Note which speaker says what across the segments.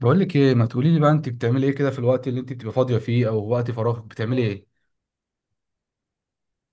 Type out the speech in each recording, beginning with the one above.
Speaker 1: بقول لك ايه، ما تقولي لي بقى، انت بتعملي ايه كده في الوقت اللي انت بتبقى فاضيه فيه او وقت فراغك بتعملي ايه؟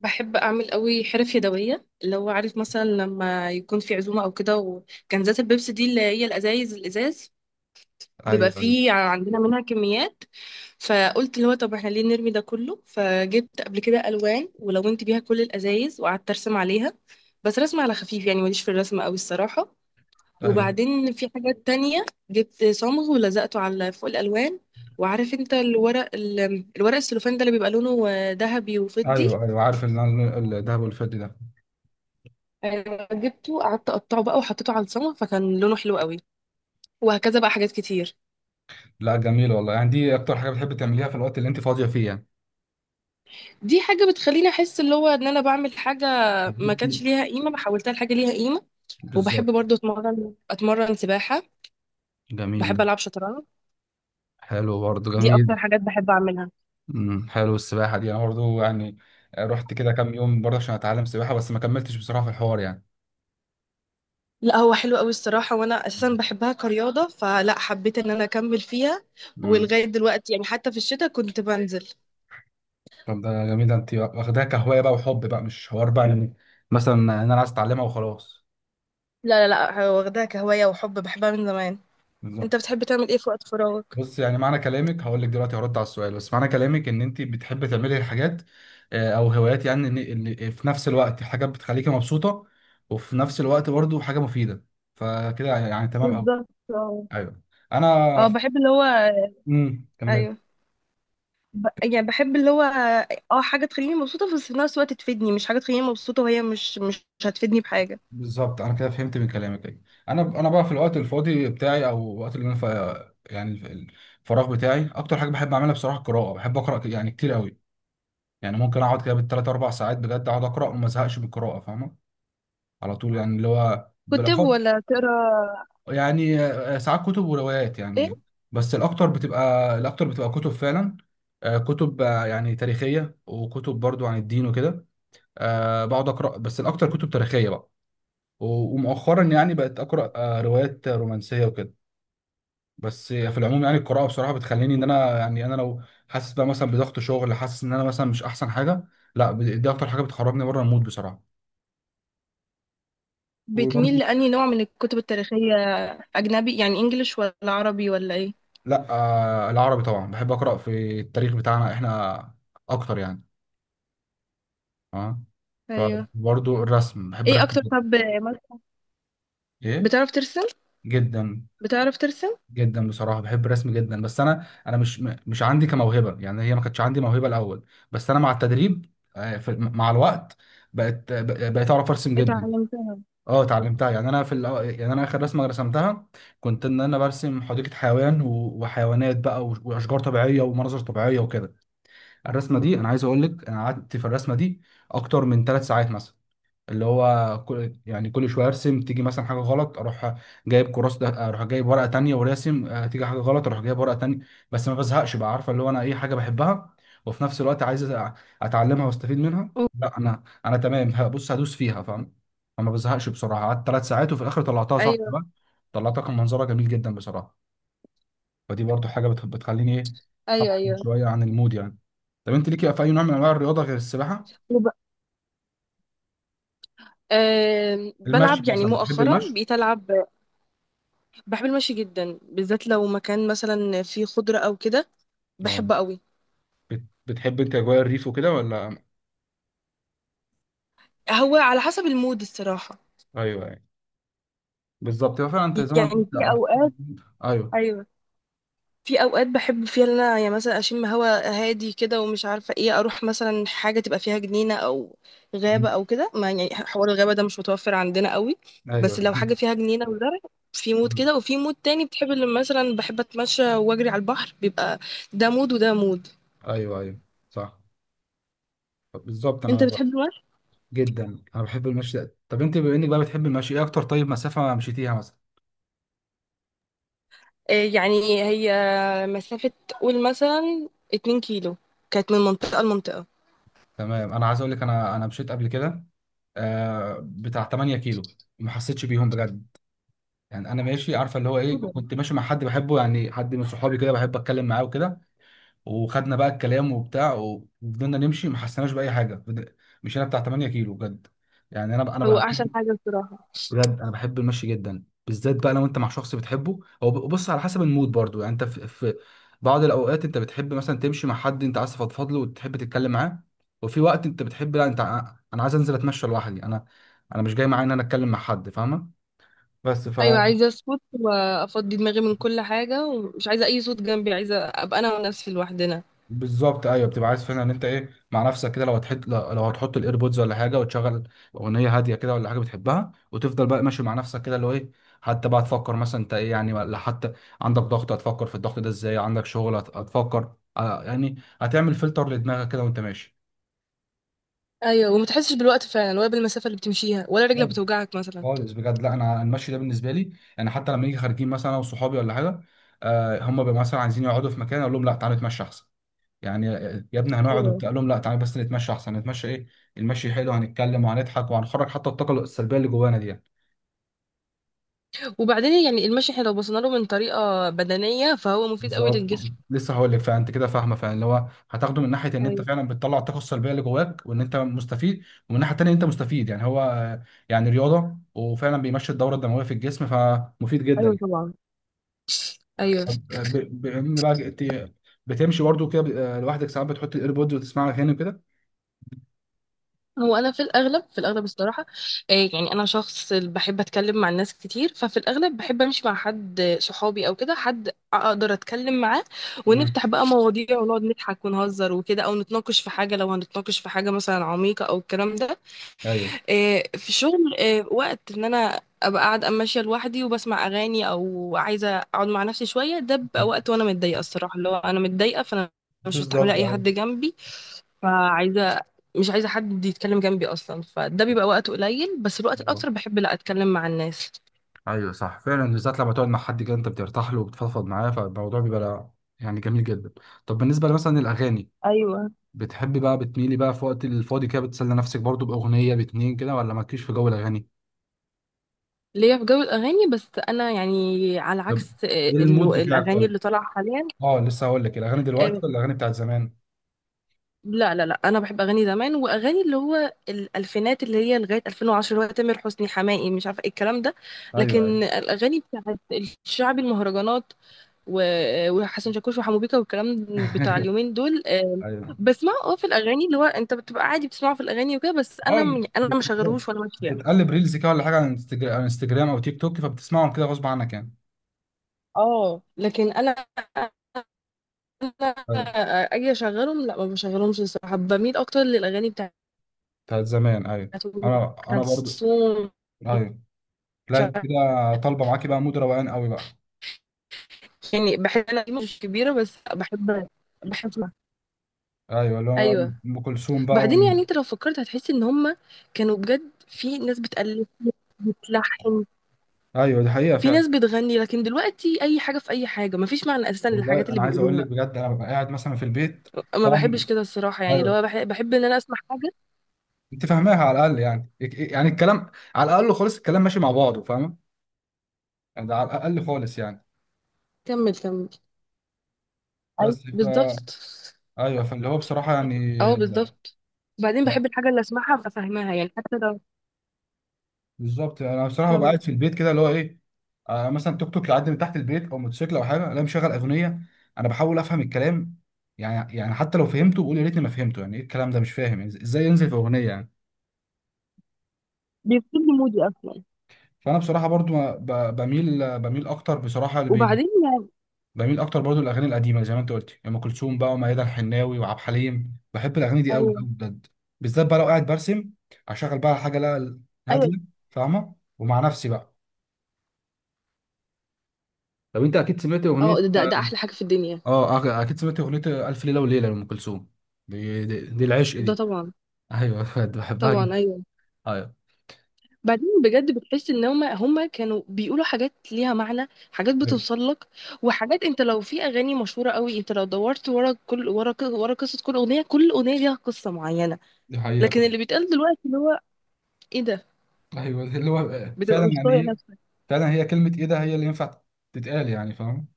Speaker 2: بحب اعمل قوي حرف يدويه، اللي هو عارف، مثلا لما يكون في عزومه او كده. وكنزات البيبسي دي اللي هي الازايز، الازاز بيبقى
Speaker 1: ايوه، ايوه،
Speaker 2: فيه عندنا منها كميات. فقلت اللي هو، طب احنا ليه نرمي ده كله؟ فجبت قبل كده الوان ولونت بيها كل الازايز وقعدت ارسم عليها. بس رسم على خفيف، يعني ماليش في الرسم قوي الصراحه.
Speaker 1: ايوه،
Speaker 2: وبعدين في حاجات تانية، جبت صمغ ولزقته على فوق الالوان. وعارف انت الورق الورق السلوفان ده اللي بيبقى لونه ذهبي وفضي.
Speaker 1: ايوه، ايوه. عارف الدهب والفضي ده.
Speaker 2: أيوة، جبته قعدت اقطعه بقى وحطيته على الصمغ فكان لونه حلو قوي. وهكذا بقى، حاجات كتير.
Speaker 1: لا جميل والله. يعني دي اكتر حاجه بتحب تعمليها في الوقت اللي انت فاضيه فيه يعني؟
Speaker 2: دي حاجه بتخليني احس اللي هو ان انا بعمل حاجه ما كانش ليها قيمه، بحولتها لحاجه ليها قيمه. وبحب
Speaker 1: بالظبط.
Speaker 2: برضو اتمرن سباحه.
Speaker 1: جميل
Speaker 2: بحب
Speaker 1: ده.
Speaker 2: العب شطرنج.
Speaker 1: حلو برضه
Speaker 2: دي
Speaker 1: جميل.
Speaker 2: اكتر حاجات بحب اعملها.
Speaker 1: حلو. السباحه دي انا برضه يعني، رحت كده كام يوم برضه عشان اتعلم سباحه، بس ما كملتش بصراحه في الحوار يعني.
Speaker 2: لا، هو حلو قوي الصراحه، وانا اساسا بحبها كرياضه، فلا حبيت ان انا اكمل فيها.
Speaker 1: امم
Speaker 2: ولغايه دلوقتي يعني حتى في الشتاء كنت بنزل.
Speaker 1: طب ده جميل. ده انت واخداها كهوايه بقى وحب بقى، مش حوار بقى يعني، مثلا إن انا عايز اتعلمها وخلاص.
Speaker 2: لا لا لا، واخداها كهوايه وحب، بحبها من زمان. انت بتحب تعمل ايه في وقت فراغك؟
Speaker 1: بص، يعني معنى كلامك هقول لك دلوقتي هرد على السؤال. بس معنى كلامك ان انت بتحب تعملي حاجات، او هوايات يعني، ان في نفس الوقت حاجات بتخليكي مبسوطه، وفي نفس الوقت برضو حاجه مفيده. فكده يعني تمام قوي.
Speaker 2: بالظبط.
Speaker 1: ايوه. انا.
Speaker 2: اه، بحب اللي هو.
Speaker 1: كمل.
Speaker 2: ايوه. يعني بحب اللي هو. اه، حاجه تخليني مبسوطه بس في نفس الوقت تفيدني، مش حاجه تخليني مبسوطه وهي مش هتفيدني بحاجه.
Speaker 1: بالظبط. انا كده فهمت من كلامك، ايوه. انا بقى في الوقت الفاضي بتاعي او الوقت اللي انا يعني الفراغ بتاعي، اكتر حاجه بحب اعملها بصراحه القراءه. بحب اقرا يعني كتير قوي. يعني ممكن اقعد كده بالثلاث اربع ساعات، بجد اقعد اقرا وما ازهقش من القراءه، فاهمه؟ على طول يعني اللي هو
Speaker 2: كتب
Speaker 1: بالاخص.
Speaker 2: ولا تقرا؟
Speaker 1: يعني ساعات كتب وروايات
Speaker 2: ايه؟
Speaker 1: يعني. بس الاكتر بتبقى كتب فعلا. كتب، يعني تاريخيه، وكتب برضو عن الدين وكده. بقعد اقرا، بس الاكتر كتب تاريخيه بقى. ومؤخرا يعني بقت اقرا روايات رومانسيه وكده. بس في العموم يعني القراءه بصراحه بتخليني ان انا يعني، انا لو حاسس بقى مثلا بضغط شغل، حاسس ان انا مثلا مش احسن حاجه. لا، دي اكتر حاجه بتخرجني بره المود بصراحه.
Speaker 2: بتميل
Speaker 1: وبرضه.
Speaker 2: لأنهي نوع من الكتب التاريخيه؟ اجنبي يعني انجليش ولا عربي ولا ايه؟
Speaker 1: لا آه، العربي طبعا بحب اقرا في التاريخ بتاعنا احنا اكتر يعني. اه.
Speaker 2: ايوه.
Speaker 1: فبرضو الرسم، بحب
Speaker 2: ايه
Speaker 1: الرسم
Speaker 2: اكتر
Speaker 1: جدا.
Speaker 2: طب؟ مس-
Speaker 1: ايه.
Speaker 2: بتعرف ترسم؟
Speaker 1: جدا.
Speaker 2: بتعرف ترسم؟
Speaker 1: جدا بصراحه بحب الرسم جدا. بس انا مش عندي كموهبه يعني، هي ما كانتش عندي موهبه الاول. بس انا مع التدريب في، مع الوقت، بقيت اعرف ارسم جدا.
Speaker 2: اتعلمتها؟
Speaker 1: اه، اتعلمتها يعني. انا في يعني انا اخر رسمه رسمتها، كنت ان انا برسم حديقه حيوان، و... وحيوانات بقى، و... واشجار طبيعيه ومناظر طبيعيه وكده. الرسمه دي، انا عايز اقول لك، انا قعدت في الرسمه دي اكتر من 3 ساعات مثلا. اللي هو كل شويه ارسم، تيجي مثلا حاجه غلط اروح جايب كراس ده، اروح جايب ورقه تانية وراسم، تيجي حاجه غلط اروح جايب ورقه تانية. بس ما بزهقش بقى. عارفه اللي هو انا ايه؟ حاجه بحبها وفي نفس الوقت عايز اتعلمها واستفيد منها.
Speaker 2: أو-
Speaker 1: لا، انا تمام. بص، هدوس فيها، فاهم. فما بزهقش بسرعه. قعدت 3 ساعات وفي الاخر طلعتها صح
Speaker 2: ايوه
Speaker 1: بقى. طلعتها، كان منظرها جميل جدا بصراحه. فدي برضو حاجه بتخليني ايه، افصل
Speaker 2: ايوه ايوه.
Speaker 1: شويه عن المود يعني. طب انت ليكي في اي نوع من انواع الرياضه غير السباحه؟
Speaker 2: وب... أه
Speaker 1: المشي
Speaker 2: بلعب، يعني
Speaker 1: مثلا بتحب
Speaker 2: مؤخرا
Speaker 1: المشي؟
Speaker 2: بقيت العب. بحب المشي جدا، بالذات لو مكان مثلا فيه خضره او كده.
Speaker 1: اه.
Speaker 2: بحبه قوي.
Speaker 1: بتحب انت اجواء الريف وكده ولا؟
Speaker 2: هو على حسب المود الصراحة.
Speaker 1: ايوه يعني. بالظبط. هو فعلا انت زي ما
Speaker 2: يعني
Speaker 1: انت،
Speaker 2: في
Speaker 1: على
Speaker 2: أوقات.
Speaker 1: حسب. ايوه.
Speaker 2: أيوة. في أوقات بحب فيها إن أنا يعني مثلا أشم هوا هادي كده ومش عارفة إيه، أروح مثلا حاجة تبقى فيها جنينة أو
Speaker 1: م.
Speaker 2: غابة أو كده. ما يعني حوار الغابة ده مش متوفر عندنا قوي.
Speaker 1: ايوه
Speaker 2: بس لو حاجة فيها جنينة وزرع. في مود
Speaker 1: مم.
Speaker 2: كده، وفي مود تاني بتحب اللي مثلا بحب أتمشى وأجري على البحر بيبقى. ده مود وده مود.
Speaker 1: ايوه، ايوه، أيوه. صح. بالظبط.
Speaker 2: أنت
Speaker 1: انا
Speaker 2: بتحب المشي؟
Speaker 1: جدا، انا بحب المشي ده. طب انت بما انك بقى بتحب المشي، ايه اكتر طيب مسافه مشيتيها مثلا؟
Speaker 2: يعني هي مسافة، قول مثلا 2 كيلو، كانت من منطقة لمنطقة.
Speaker 1: تمام، انا عايز اقول لك، انا مشيت قبل كده بتاع 8 كيلو، ما حسيتش بيهم بجد. يعني انا ماشي، عارفه اللي هو ايه؟ كنت ماشي مع حد بحبه، يعني حد من صحابي كده بحب اتكلم معاه وكده، وخدنا بقى الكلام وبتاع وفضلنا نمشي ما حسيناش باي حاجه. مشينا بتاع 8 كيلو بجد. يعني انا
Speaker 2: هو
Speaker 1: بقى
Speaker 2: أحسن
Speaker 1: بحب،
Speaker 2: حاجة الصراحة.
Speaker 1: بجد انا بحب المشي جدا، بالذات بقى لو انت مع شخص بتحبه. هو بص، على حسب المود برضو يعني، انت في بعض الاوقات انت بتحب مثلا تمشي مع حد انت عايز تفضفض له وتحب تتكلم معاه. وفي وقت انت بتحب لا، انت انا عايز انزل اتمشى لوحدي. انا مش جاي معايا ان انا اتكلم مع حد، فاهمه؟ بس
Speaker 2: ايوه، عايزه اسكت وافضي دماغي من كل حاجه، ومش عايزه اي صوت جنبي، عايزه ابقى انا ونفسي لوحدنا.
Speaker 1: بالظبط، ايوه، بتبقى عايز فعلا ان انت ايه مع نفسك كده، لو هتحط الايربودز ولا حاجه، وتشغل اغنيه هاديه كده ولا حاجه بتحبها، وتفضل بقى ماشي مع نفسك كده اللي هو ايه. حتى بقى تفكر مثلا انت ايه يعني، ولا حتى عندك ضغط هتفكر في الضغط ده ازاي، عندك شغل هتفكر، يعني هتعمل فلتر لدماغك كده وانت ماشي.
Speaker 2: ايوه، وما تحسش بالوقت فعلا، ولا بالمسافه اللي بتمشيها، ولا رجلك
Speaker 1: خالص.
Speaker 2: بتوجعك مثلا.
Speaker 1: خالص بجد. لا انا المشي ده بالنسبه لي، يعني حتى لما نيجي خارجين مثلا انا وصحابي ولا حاجه، هم بيبقوا مثلا عايزين يقعدوا في مكان، اقول لهم لا تعالوا نتمشى احسن. يعني يا ابني هنقعد
Speaker 2: ايوه.
Speaker 1: وبتاع، قال لهم لا تعالى بس نتمشى احسن. نتمشى ايه، المشي حلو، هنتكلم وهنضحك وهنخرج حتى الطاقه السلبيه اللي جوانا دي يعني.
Speaker 2: وبعدين يعني المشي، احنا لو بصينا له من طريقه بدنيه، فهو مفيد قوي
Speaker 1: بالظبط،
Speaker 2: للجسم.
Speaker 1: لسه هقول لك. فانت كده فاهمه فاللي هو هتاخده من ناحيه ان انت
Speaker 2: ايوه
Speaker 1: فعلا بتطلع الطاقه السلبيه اللي جواك وان انت مستفيد. ومن الناحيه التانيه انت مستفيد يعني، هو يعني رياضه وفعلا بيمشي الدوره الدمويه في الجسم، فمفيد جدا
Speaker 2: ايوه
Speaker 1: يعني.
Speaker 2: طبعا. ايوه.
Speaker 1: طب بما ان بقى بتمشي برضه كده، لوحدك ساعات بتحط الايربودز وتسمعها هنا كده؟
Speaker 2: هو انا في الاغلب الصراحه. يعني انا شخص بحب اتكلم مع الناس كتير، ففي الاغلب بحب امشي مع حد، صحابي او كده، حد اقدر اتكلم معاه.
Speaker 1: مم.
Speaker 2: ونفتح بقى مواضيع ونقعد نضحك ونهزر وكده، او نتناقش في حاجه، لو هنتناقش في حاجه مثلا عميقه او الكلام ده.
Speaker 1: ايوه،
Speaker 2: في الشغل، وقت ان انا ابقى قاعده ماشيه لوحدي وبسمع اغاني، او عايزه اقعد مع نفسي شويه، ده بيبقى وقت وانا متضايقه الصراحه، اللي هو انا متضايقه، فانا مش مستحمله
Speaker 1: بالظبط.
Speaker 2: اي حد جنبي. فعايزة. مش عايزة حد يتكلم جنبي أصلا، فده بيبقى وقت قليل، بس الوقت
Speaker 1: أيوة،
Speaker 2: الأكتر بحب لا أتكلم مع الناس.
Speaker 1: ايوه، صح فعلا. بالذات لما تقعد مع حد كده انت بترتاح له وبتفضفض معاه، فالموضوع بيبقى يعني جميل جدا. طب بالنسبه مثلا للاغاني،
Speaker 2: ايوه،
Speaker 1: بتحبي بقى بتميلي بقى في وقت الفاضي كده بتسلي نفسك برضو باغنيه باتنين كده، ولا مالكيش في جو الاغاني؟
Speaker 2: ليا في جو الأغاني، بس أنا يعني على
Speaker 1: طب
Speaker 2: عكس
Speaker 1: ايه المود بتاعك
Speaker 2: الأغاني
Speaker 1: طيب؟
Speaker 2: اللي طالعة حاليا.
Speaker 1: اه، لسه هقول لك، الاغاني دلوقتي
Speaker 2: آه،
Speaker 1: ولا الاغاني بتاعت زمان؟
Speaker 2: لا لا لا، أنا بحب أغاني زمان وأغاني اللي هو الألفينات اللي هي لغاية 2010، اللي هو تامر حسني، حماقي، مش عارفة إيه الكلام ده.
Speaker 1: ايوه، ايوه
Speaker 2: لكن الأغاني بتاعت الشعبي، المهرجانات وحسن شاكوش وحمو بيكا والكلام بتاع اليومين دول،
Speaker 1: ايوه.
Speaker 2: بسمعه، في الاغاني اللي هو انت بتبقى عادي بتسمعه في الاغاني وكده، بس انا
Speaker 1: اه.
Speaker 2: انا ما
Speaker 1: بت-
Speaker 2: شغلهوش وانا ماشيه.
Speaker 1: بتقلب ريلز كده ولا حاجه على انستجرام او تيك توك، فبتسمعهم كده غصب عنك يعني؟
Speaker 2: اه لكن انا
Speaker 1: ايوه،
Speaker 2: انا اجي اشغلهم، لا ما بشغلهمش الصراحه، بميل اكتر للاغاني بتاعت
Speaker 1: بتاعت زمان ايوه.
Speaker 2: ام
Speaker 1: انا برضو.
Speaker 2: كلثوم.
Speaker 1: ايوه،
Speaker 2: مش
Speaker 1: لا انت
Speaker 2: عارفة.
Speaker 1: كده طالبه معاكي بقى مود روقان قوي بقى.
Speaker 2: يعني بحب، انا دي مش كبيره، بس بحب بحب أسمع.
Speaker 1: ايوه اللي هو
Speaker 2: ايوه.
Speaker 1: ام كلثوم بقى
Speaker 2: بعدين يعني انت لو فكرت هتحس ان هم كانوا بجد، في ناس بتألف، بتلحن،
Speaker 1: ايوه، دي حقيقه
Speaker 2: في
Speaker 1: فعلا.
Speaker 2: ناس بتغني، لكن دلوقتي اي حاجه في اي حاجه، مفيش معنى اساسا للحاجات
Speaker 1: والله
Speaker 2: اللي
Speaker 1: انا عايز اقول لك
Speaker 2: بيقولوها.
Speaker 1: بجد، انا ببقى قاعد مثلا في البيت.
Speaker 2: ما
Speaker 1: طبعا.
Speaker 2: بحبش كده الصراحه، يعني
Speaker 1: ايوه.
Speaker 2: لو بحب ان انا اسمع حاجه.
Speaker 1: انت فاهماها على الاقل يعني، يعني الكلام على الاقل خالص، الكلام ماشي مع بعضه، فاهمه؟ يعني ده على الاقل خالص يعني.
Speaker 2: كمل كمل.
Speaker 1: بس
Speaker 2: اي بالظبط.
Speaker 1: ايوه، فاللي هو بصراحه يعني.
Speaker 2: اه بالظبط. وبعدين بحب الحاجه اللي اسمعها ابقى فاهماها، يعني حتى لو.
Speaker 1: بالظبط، انا بصراحه ببقى
Speaker 2: كمل.
Speaker 1: قاعد في البيت كده اللي هو ايه، مثلا توك توك يعدي من تحت البيت او موتوسيكل او حاجه، الاقي مشغل اغنيه، انا بحاول افهم الكلام. يعني حتى لو فهمته بقول يا ريتني ما فهمته، يعني ايه الكلام ده؟ مش فاهم يعني ازاي ينزل في اغنيه يعني.
Speaker 2: بيفصل لي مودي اصلا.
Speaker 1: فانا بصراحه برضو بميل اكتر بصراحه، لبيل.
Speaker 2: وبعدين يعني.
Speaker 1: بميل اكتر برضو الاغاني القديمه زي ما انت قلت، ام كلثوم بقى، وميادة الحناوي، وعبد الحليم. بحب الاغاني دي قوي
Speaker 2: ايوه
Speaker 1: قوي بجد. بالذات بقى لو قاعد برسم، اشغل بقى حاجه، لا،
Speaker 2: ايوه.
Speaker 1: هاديه، فاهمه، ومع نفسي بقى. طب انت اكيد سمعت
Speaker 2: اه،
Speaker 1: اغنيه،
Speaker 2: ده ده ده احلى حاجه في الدنيا.
Speaker 1: اه اكيد سمعت اغنيه الف ليله وليله لام كلثوم. دي العشق
Speaker 2: ده
Speaker 1: دي.
Speaker 2: طبعا.
Speaker 1: ايوه بجد بحبها
Speaker 2: طبعا
Speaker 1: جدا.
Speaker 2: ايوه.
Speaker 1: ايوه،
Speaker 2: بعدين بجد بتحس ان هما كانوا بيقولوا حاجات ليها معنى، حاجات
Speaker 1: ايوه،
Speaker 2: بتوصل لك. وحاجات، انت لو في اغاني مشهوره قوي انت لو دورت ورا قصه كل اغنيه، كل اغنيه ليها قصه معينه.
Speaker 1: دي حقيقه
Speaker 2: لكن
Speaker 1: فعلا.
Speaker 2: اللي بيتقال دلوقتي اللي هو ايه ده!
Speaker 1: ايوه، اللي هو
Speaker 2: بتبقى
Speaker 1: فعلا
Speaker 2: مش
Speaker 1: يعني،
Speaker 2: طايق
Speaker 1: هي
Speaker 2: نفسك.
Speaker 1: فعلا هي كلمه ايه ده هي اللي ينفع تتقال يعني، فاهم.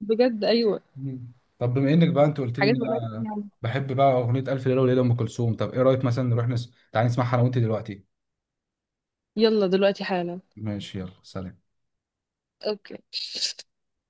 Speaker 2: بجد ايوه.
Speaker 1: مم. طب بما انك بقى انت قلت لي ان
Speaker 2: حاجات ملهاش أي
Speaker 1: انا
Speaker 2: معنى.
Speaker 1: بحب بقى اغنيه الف ليله وليله لام كلثوم، طب ايه رايك مثلا نروح تعالى نسمعها انا وانت دلوقتي؟
Speaker 2: يلا دلوقتي حالا.
Speaker 1: ماشي، يلا، سلام.
Speaker 2: اوكي.